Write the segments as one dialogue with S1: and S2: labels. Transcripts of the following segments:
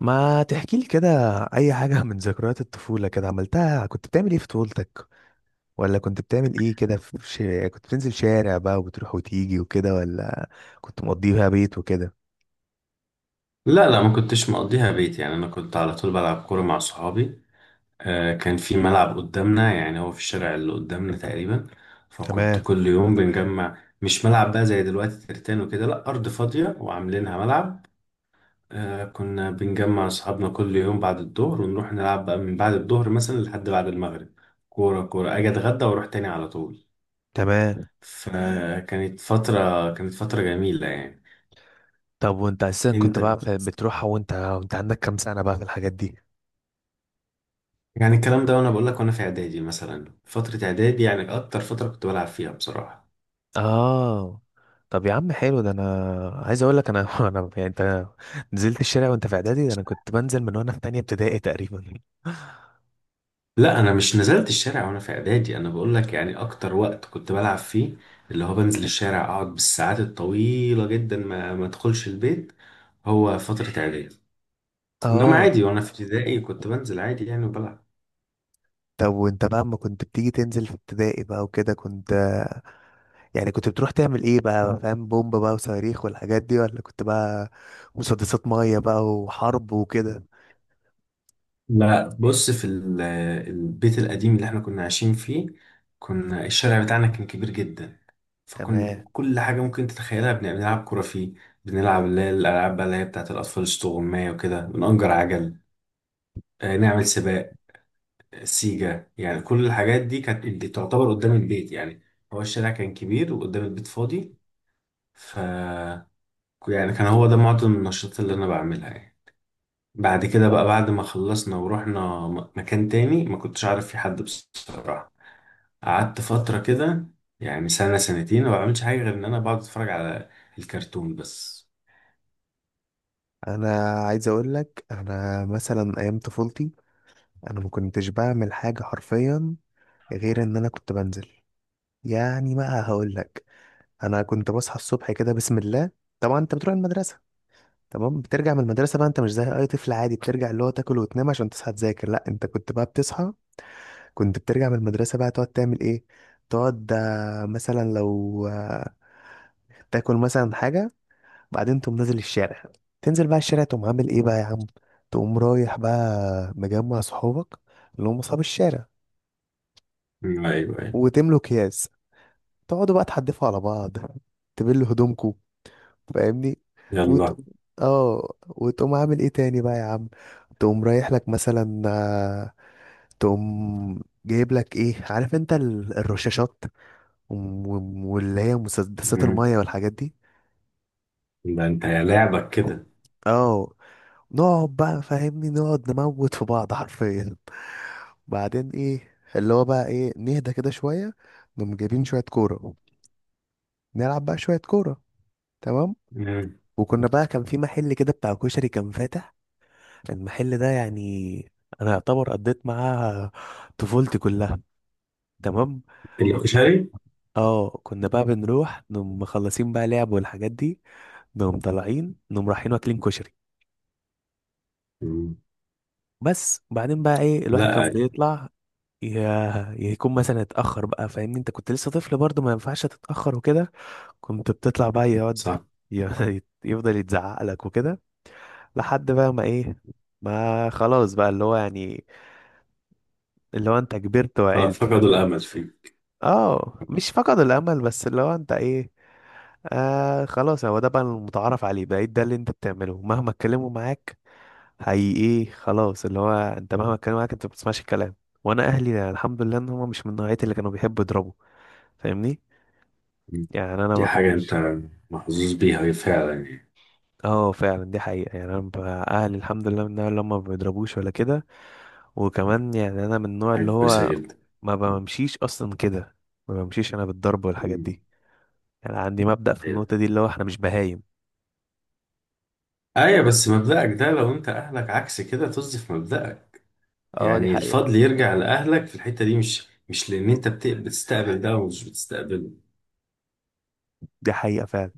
S1: ما تحكي لي كده اي حاجه من ذكريات الطفوله كده عملتها. كنت بتعمل ايه في طفولتك؟ ولا كنت بتعمل ايه كده كنت بتنزل شارع بقى وبتروح وتيجي وكده، ولا كنت مقضيها بيت وكده؟
S2: لا لا، ما كنتش مقضيها بيت. يعني انا كنت على طول بلعب كوره مع صحابي. آه، كان في ملعب قدامنا، يعني هو في الشارع اللي قدامنا تقريبا. فكنت
S1: تمام،
S2: كل يوم بنجمع، مش ملعب بقى زي دلوقتي ترتان وكده، لا ارض فاضيه وعاملينها ملعب. آه، كنا بنجمع اصحابنا كل يوم بعد الظهر ونروح نلعب بقى من بعد الظهر مثلا لحد بعد المغرب. كوره كوره، اجي اتغدى واروح تاني على طول.
S1: تمام.
S2: فكانت فتره، كانت فتره جميله يعني.
S1: طب وانت اساسا كنت
S2: انت
S1: بقى بتروحها وانت عندك كام سنه بقى في الحاجات دي؟
S2: يعني الكلام ده، وانا بقول لك، وانا في اعدادي مثلا، فتره اعدادي يعني اكتر فتره كنت بلعب فيها بصراحه.
S1: اه. طب يا عم حلو ده، انا عايز اقول لك انا انا يعني انت نزلت الشارع وانت في اعدادي، ده انا كنت بنزل من وانا في تانية ابتدائي تقريبا.
S2: لا، انا مش نزلت الشارع وانا في اعدادي، انا بقول لك يعني اكتر وقت كنت بلعب فيه، اللي هو بنزل الشارع اقعد بالساعات الطويله جدا ما ادخلش البيت، هو فتره اعدادي. انما
S1: اه.
S2: عادي وانا في ابتدائي كنت بنزل عادي يعني وبلعب.
S1: طب وانت بقى اما كنت بتيجي تنزل في ابتدائي بقى وكده، كنت يعني كنت بتروح تعمل ايه بقى؟ فاهم، بومب بقى وصواريخ والحاجات دي، ولا كنت بقى مسدسات ميه بقى وحرب وكده؟
S2: لا بص، البيت القديم اللي احنا كنا عايشين فيه، كنا الشارع بتاعنا كان كبير جدا.
S1: تمام.
S2: كل حاجة ممكن تتخيلها بنلعب كرة فيه. بنلعب اللي هي الألعاب بقى، اللي هي بتاعت الأطفال الصغنونة وكده، بنأجر عجل، آه، نعمل سباق، سيجا، يعني كل الحاجات دي كانت دي تعتبر قدام البيت يعني. هو الشارع كان كبير وقدام البيت فاضي. ف يعني كان هو ده معظم النشاطات اللي أنا بعملها يعني. بعد كده بقى، بعد ما خلصنا ورحنا مكان تاني، ما كنتش عارف في حد بصراحة. قعدت فترة كده، يعني سنة سنتين، ما بعملش حاجة غير إن أنا بقعد أتفرج على الكرتون بس.
S1: انا عايز اقول لك، انا مثلا ايام طفولتي انا ما كنتش بعمل حاجه حرفيا غير ان انا كنت بنزل. يعني بقى هقول لك، انا كنت بصحى الصبح كده بسم الله. طبعا انت بتروح المدرسه، تمام. بترجع من المدرسه بقى، انت مش زي اي طفل عادي بترجع اللي هو تاكل وتنام عشان تصحى تذاكر. لا انت كنت بقى بتصحى، كنت بترجع من المدرسة بقى تقعد تعمل ايه؟ تقعد، مثلا لو، تاكل مثلا حاجة. بعدين تقوم نازل الشارع، تنزل بقى الشارع، تقوم عامل ايه بقى يا عم؟ تقوم رايح بقى مجمع صحابك اللي هم اصحاب الشارع،
S2: ايوه ايوه.
S1: وتملوا اكياس، تقعدوا بقى تحدفوا على بعض، تبلوا هدومكوا. فاهمني؟
S2: يلا.
S1: وت... اه، وتقوم عامل ايه تاني بقى يا عم؟ تقوم رايح لك مثلا، تقوم جايب لك ايه؟ عارف انت الرشاشات واللي هي مسدسات
S2: مم.
S1: المية والحاجات دي.
S2: ده انت يا لعبك كده.
S1: اه، نقعد بقى فاهمني نقعد نموت في بعض حرفيا. بعدين ايه اللي هو بقى ايه، نهدى كده شوية، نقوم جايبين شوية كورة، نلعب بقى شوية كورة. تمام.
S2: مم.
S1: وكنا بقى كان في محل كده بتاع كشري كان فاتح، المحل ده يعني انا يعتبر قضيت معاه طفولتي كلها. تمام.
S2: الكشري.
S1: اه، كنا بقى بنروح نقوم مخلصين بقى لعب والحاجات دي، نقوم طالعين نقوم رايحين واكلين كشري.
S2: مم.
S1: بس. وبعدين بقى ايه، الواحد
S2: لا
S1: كان
S2: أيوة.
S1: بيطلع يكون مثلا اتأخر بقى، فاهمني انت كنت لسه طفل برضه ما ينفعش تتأخر وكده. كنت بتطلع بقى، يقعد
S2: صح.
S1: يفضل يتزعق لك وكده. لحد بقى ما ايه، ما خلاص بقى اللي هو يعني اللي هو انت كبرت
S2: خلاص،
S1: وعقلت،
S2: فقدوا
S1: فاهمني.
S2: الامل فيه.
S1: اه مش فقد الامل، بس اللي هو انت ايه، آه خلاص، هو ده بقى المتعارف عليه، بقيت ده اللي انت بتعمله مهما اتكلموا معاك. حقيقي خلاص اللي هو انت مهما اتكلم معاك انت ما بتسمعش الكلام. وانا اهلي يعني الحمد لله ان هم مش من نوعيه اللي كانوا بيحبوا يضربوا، فاهمني.
S2: مم.
S1: يعني انا
S2: دي
S1: ما
S2: حاجه انت
S1: كانش.
S2: محظوظ بيها فعلا يعني.
S1: اه فعلا دي حقيقه، يعني اهلي الحمد لله من النوع اللي هم ما بيضربوش ولا كده. وكمان يعني انا من
S2: دي
S1: النوع اللي
S2: حاجه كويسه
S1: هو
S2: جدا.
S1: ما بمشيش اصلا كده، ما بمشيش انا بالضرب والحاجات
S2: مم.
S1: دي. يعني عندي مبدأ في
S2: ايوه
S1: النقطه دي اللي هو احنا مش بهايم.
S2: ايوه. بس مبدأك ده، لو انت اهلك عكس كده طز في مبدأك.
S1: اه دي
S2: يعني
S1: حقيقه،
S2: الفضل يرجع لاهلك في الحته دي، مش لان انت بتستقبل ده ومش بتستقبله.
S1: دي حقيقه فعلا.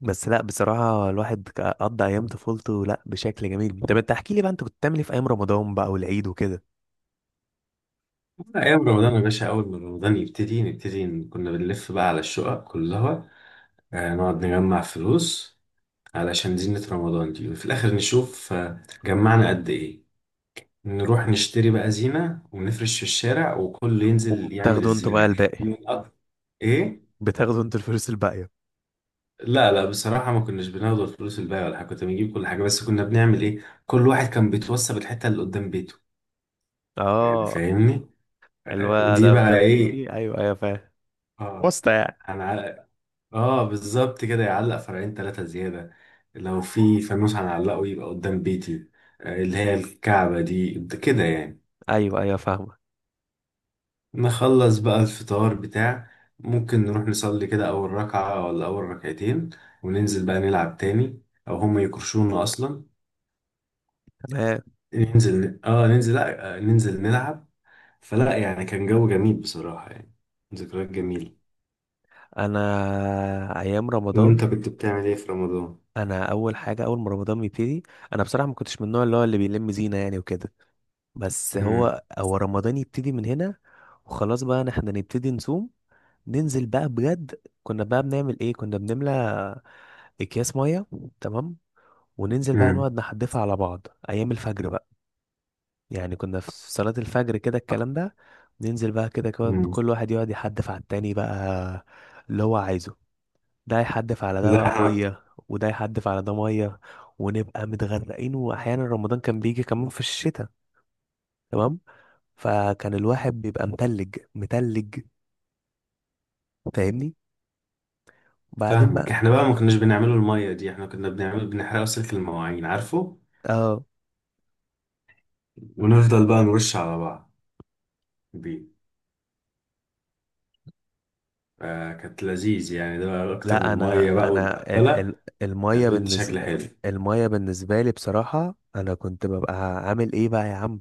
S1: بس لا بصراحة الواحد قضى أيام طفولته لا بشكل جميل. طب أنت احكي لي بقى، أنت كنت بتعمل إيه في أيام رمضان بقى والعيد وكده؟
S2: ايام رمضان يا باشا، اول ما رمضان يبتدي نبتدي كنا بنلف بقى على الشقق كلها، آه، نقعد نجمع فلوس علشان زينة رمضان دي، وفي الآخر نشوف آه، جمعنا قد إيه. نروح نشتري بقى زينة ونفرش في الشارع وكل ينزل يعمل
S1: وبتاخدوا انتوا بقى
S2: الزينة.
S1: الباقي؟
S2: من أك- إيه؟
S1: بتاخدوا أنتوا الفلوس الباقية؟
S2: لا لا، بصراحة ما كناش بناخد الفلوس الباقية ولا حاجة، كنا بنجيب كل حاجة. بس كنا بنعمل إيه؟ كل واحد كان بيتوصى بالحتة اللي قدام بيته، يعني
S1: أه.
S2: فاهمني؟ آه،
S1: الواد
S2: دي
S1: ده
S2: بقى
S1: قدام
S2: إيه؟
S1: بيتي، أيوه أيوه فاهم.
S2: آه.
S1: واسطة يعني.
S2: أنا، اه بالظبط كده، يعلق فرعين ثلاثة زيادة. لو في فانوس هنعلقه يبقى قدام بيتي، آه، اللي هي الكعبة دي، ده كده يعني.
S1: أيوه أيوه فاهمة.
S2: نخلص بقى الفطار بتاع، ممكن نروح نصلي كده أول ركعة ولا أول ركعتين، وننزل بقى نلعب تاني، أو هما يكرشونا أصلا.
S1: تمام.
S2: ننزل، اه ننزل، لا آه، ننزل نلعب. فلا يعني كان جو جميل بصراحة يعني، ذكريات جميلة.
S1: أنا أيام
S2: وأنت
S1: رمضان،
S2: كنت بتعمل إيه في رمضان؟
S1: أنا أول حاجة أول ما رمضان بيبتدي، أنا بصراحة ما كنتش من النوع اللي هو اللي بيلم زينة يعني وكده. بس
S2: امم
S1: هو رمضان يبتدي من هنا، وخلاص بقى إن إحنا نبتدي نصوم. ننزل بقى بجد، كنا بقى بنعمل ايه، كنا بنملى اكياس ميه. تمام. وننزل بقى نقعد نحدفها على بعض ايام الفجر بقى، يعني كنا في صلاة الفجر كده الكلام ده. ننزل بقى كده
S2: امم
S1: كل واحد يقعد يحدف على التاني بقى اللي هو عايزه، ده يحدف على ده بقى
S2: لا
S1: ميه وده يحدف على ده ميه، ونبقى متغرقين. واحيانا رمضان كان بيجي كمان في الشتاء، تمام، فكان الواحد بيبقى متلج متلج، فاهمني. بعدين
S2: فاهمك.
S1: بقى
S2: احنا بقى ما كناش بنعمله المية دي، احنا كنا بنعمل بنحرقه سلك المواعين، عارفه،
S1: اه،
S2: ونفضل بقى نرش على بعض بيه، آه كانت لذيذ يعني. ده بقى اكتر
S1: لا
S2: من مية بقى
S1: انا
S2: والبقتلة، كان
S1: الميه
S2: بيدي شكل
S1: بالنسبه،
S2: حلو.
S1: الميه بالنسبه لي بصراحه، انا كنت ببقى عامل ايه بقى يا عم؟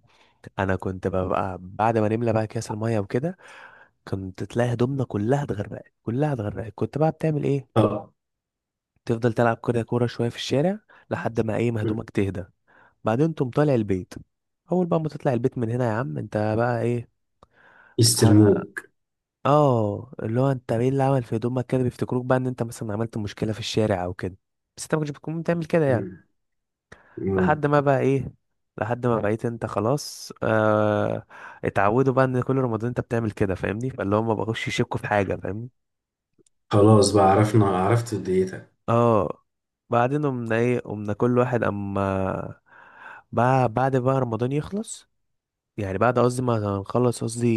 S1: انا كنت ببقى بعد ما نملى بقى اكياس الميه وكده، كنت تلاقي هدومنا كلها اتغرقت كلها اتغرقت. كنت بقى بتعمل ايه؟
S2: طب
S1: تفضل تلعب كده كوره شويه في الشارع لحد ما ايه، ما هدومك تهدى. بعدين تقوم طالع البيت، اول بقى ما تطلع البيت من هنا يا عم انت بقى ايه؟
S2: يستلموك.
S1: اه، اللي هو انت ايه اللي عمل في هدومك كده، بيفتكروك بقى ان انت مثلا عملت مشكله في الشارع او كده، بس انت ما كنتش بتكون بتعمل كده يعني.
S2: مم. مم.
S1: لحد ما بقى ايه، لحد ما بقيت انت خلاص، آه اتعودوا بقى ان كل رمضان انت بتعمل كده، فاهمني، فاللي هم بقوش يشكوا في حاجه، فاهمني.
S2: خلاص بقى، عرفنا عرفت ديتك.
S1: اه. بعدين قمنا ايه، قمنا كل واحد اما بقى بعد بقى رمضان يخلص، يعني بعد قصدي ما هنخلص قصدي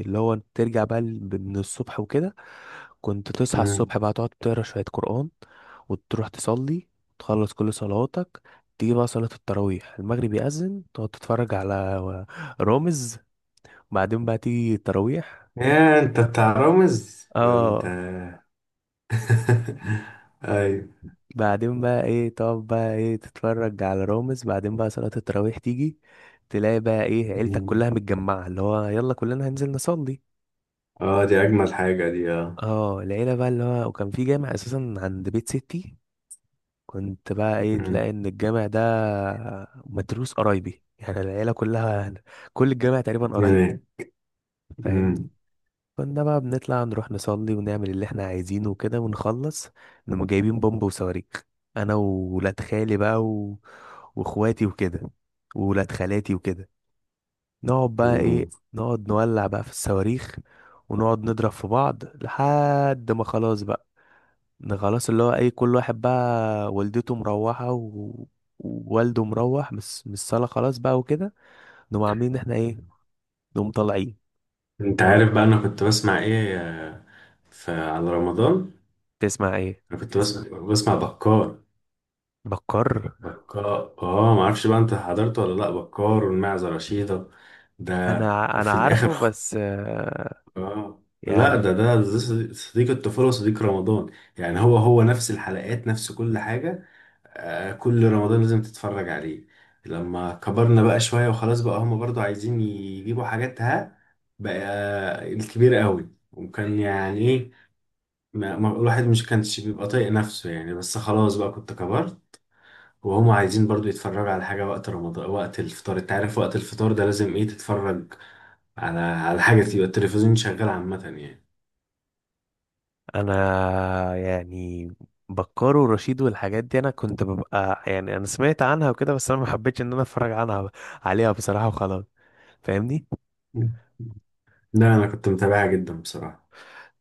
S1: اللي هو ترجع بقى من الصبح وكده. كنت تصحى
S2: مم.
S1: الصبح بقى تقعد تقرا شوية قرآن، وتروح تصلي، تخلص كل صلواتك. تيجي بقى صلاة التراويح، المغرب يأذن تقعد تتفرج على رامز، بعدين بقى تيجي التراويح.
S2: يا انت بتاع رامز ده انت؟
S1: اه،
S2: ايوه.
S1: بعدين بقى ايه تقعد بقى ايه تتفرج على رامز، بعدين بقى صلاة التراويح تيجي، تلاقي بقى ايه عيلتك
S2: مم.
S1: كلها متجمعة اللي هو يلا كلنا هننزل نصلي.
S2: اه دي اجمل حاجة دي، اه.
S1: اه، العيلة بقى اللي هو وكان في جامع اساسا عند بيت ستي، كنت بقى ايه
S2: مم.
S1: تلاقي ان الجامع ده متروس قرايبي، يعني العيلة كلها، كل الجامع تقريبا قرايب،
S2: يعني. مم.
S1: فاهمني. كنا بقى بنطلع نروح نصلي ونعمل اللي احنا عايزينه وكده ونخلص، نقوم جايبين بومب وصواريخ، انا وولاد خالي بقى واخواتي وكده وولاد خالاتي وكده. نقعد بقى
S2: مم.
S1: ايه نقعد نولع بقى في الصواريخ، ونقعد نضرب في بعض لحد ما خلاص بقى، ده خلاص اللي هو اي كل واحد بقى والدته مروحة ووالده مروح بس من الصالة خلاص بقى وكده. نقوم عاملين إن احنا ايه، نقوم طالعين،
S2: انت عارف
S1: نقوم-
S2: بقى انا كنت بسمع ايه آه، في على رمضان؟
S1: تسمع ايه؟
S2: انا كنت بسمع، بكار.
S1: بكر.
S2: بكار، اه ما اعرفش بقى انت حضرته ولا لا، بكار والمعزة رشيدة ده.
S1: انا انا
S2: وفي
S1: عارفه
S2: الاخر
S1: بس،
S2: اه لا،
S1: يعني
S2: ده ده صديق، صديق الطفولة وصديق رمضان يعني. هو نفس الحلقات، نفس كل حاجة. آه، كل رمضان لازم تتفرج عليه. لما كبرنا بقى شوية وخلاص بقى، هما برضو عايزين يجيبوا حاجات، ها بقى الكبير قوي، وكان يعني إيه، الواحد مش كانش بيبقى طايق نفسه يعني. بس خلاص بقى، كنت كبرت وهم عايزين برضو يتفرجوا على حاجة وقت رمضان. وقت الفطار، انت عارف وقت الفطار ده لازم ايه، تتفرج على على حاجة، تبقى التلفزيون شغال عامة يعني.
S1: انا يعني بكر ورشيد والحاجات دي انا كنت ببقى يعني انا سمعت عنها وكده، بس انا ما حبيتش ان انا اتفرج عنها عليها بصراحة وخلاص، فاهمني.
S2: لا انا كنت متابعها جدا بصراحة.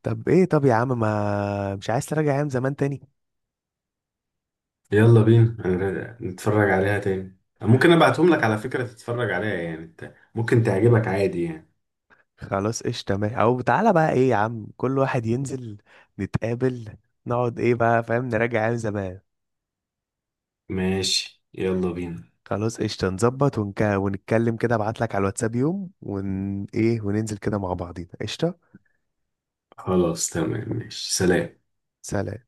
S1: طب ايه، طب يا عم ما مش عايز تراجع ايام زمان تاني؟
S2: يلا بينا أنا نتفرج عليها تاني. ممكن ابعتهم لك على فكرة، تتفرج عليها، يعني انت ممكن تعجبك عادي يعني.
S1: خلاص قشطة ماشي، او تعالى بقى ايه يا عم كل واحد ينزل، نتقابل، نقعد ايه بقى فاهم، نراجع ايام زمان.
S2: ماشي يلا بينا.
S1: خلاص قشطة، نظبط ونتكلم كده، ابعتلك على الواتساب يوم ون ايه وننزل كده مع بعضينا. قشطة.
S2: خلاص تمام، ماشي سلام.
S1: سلام.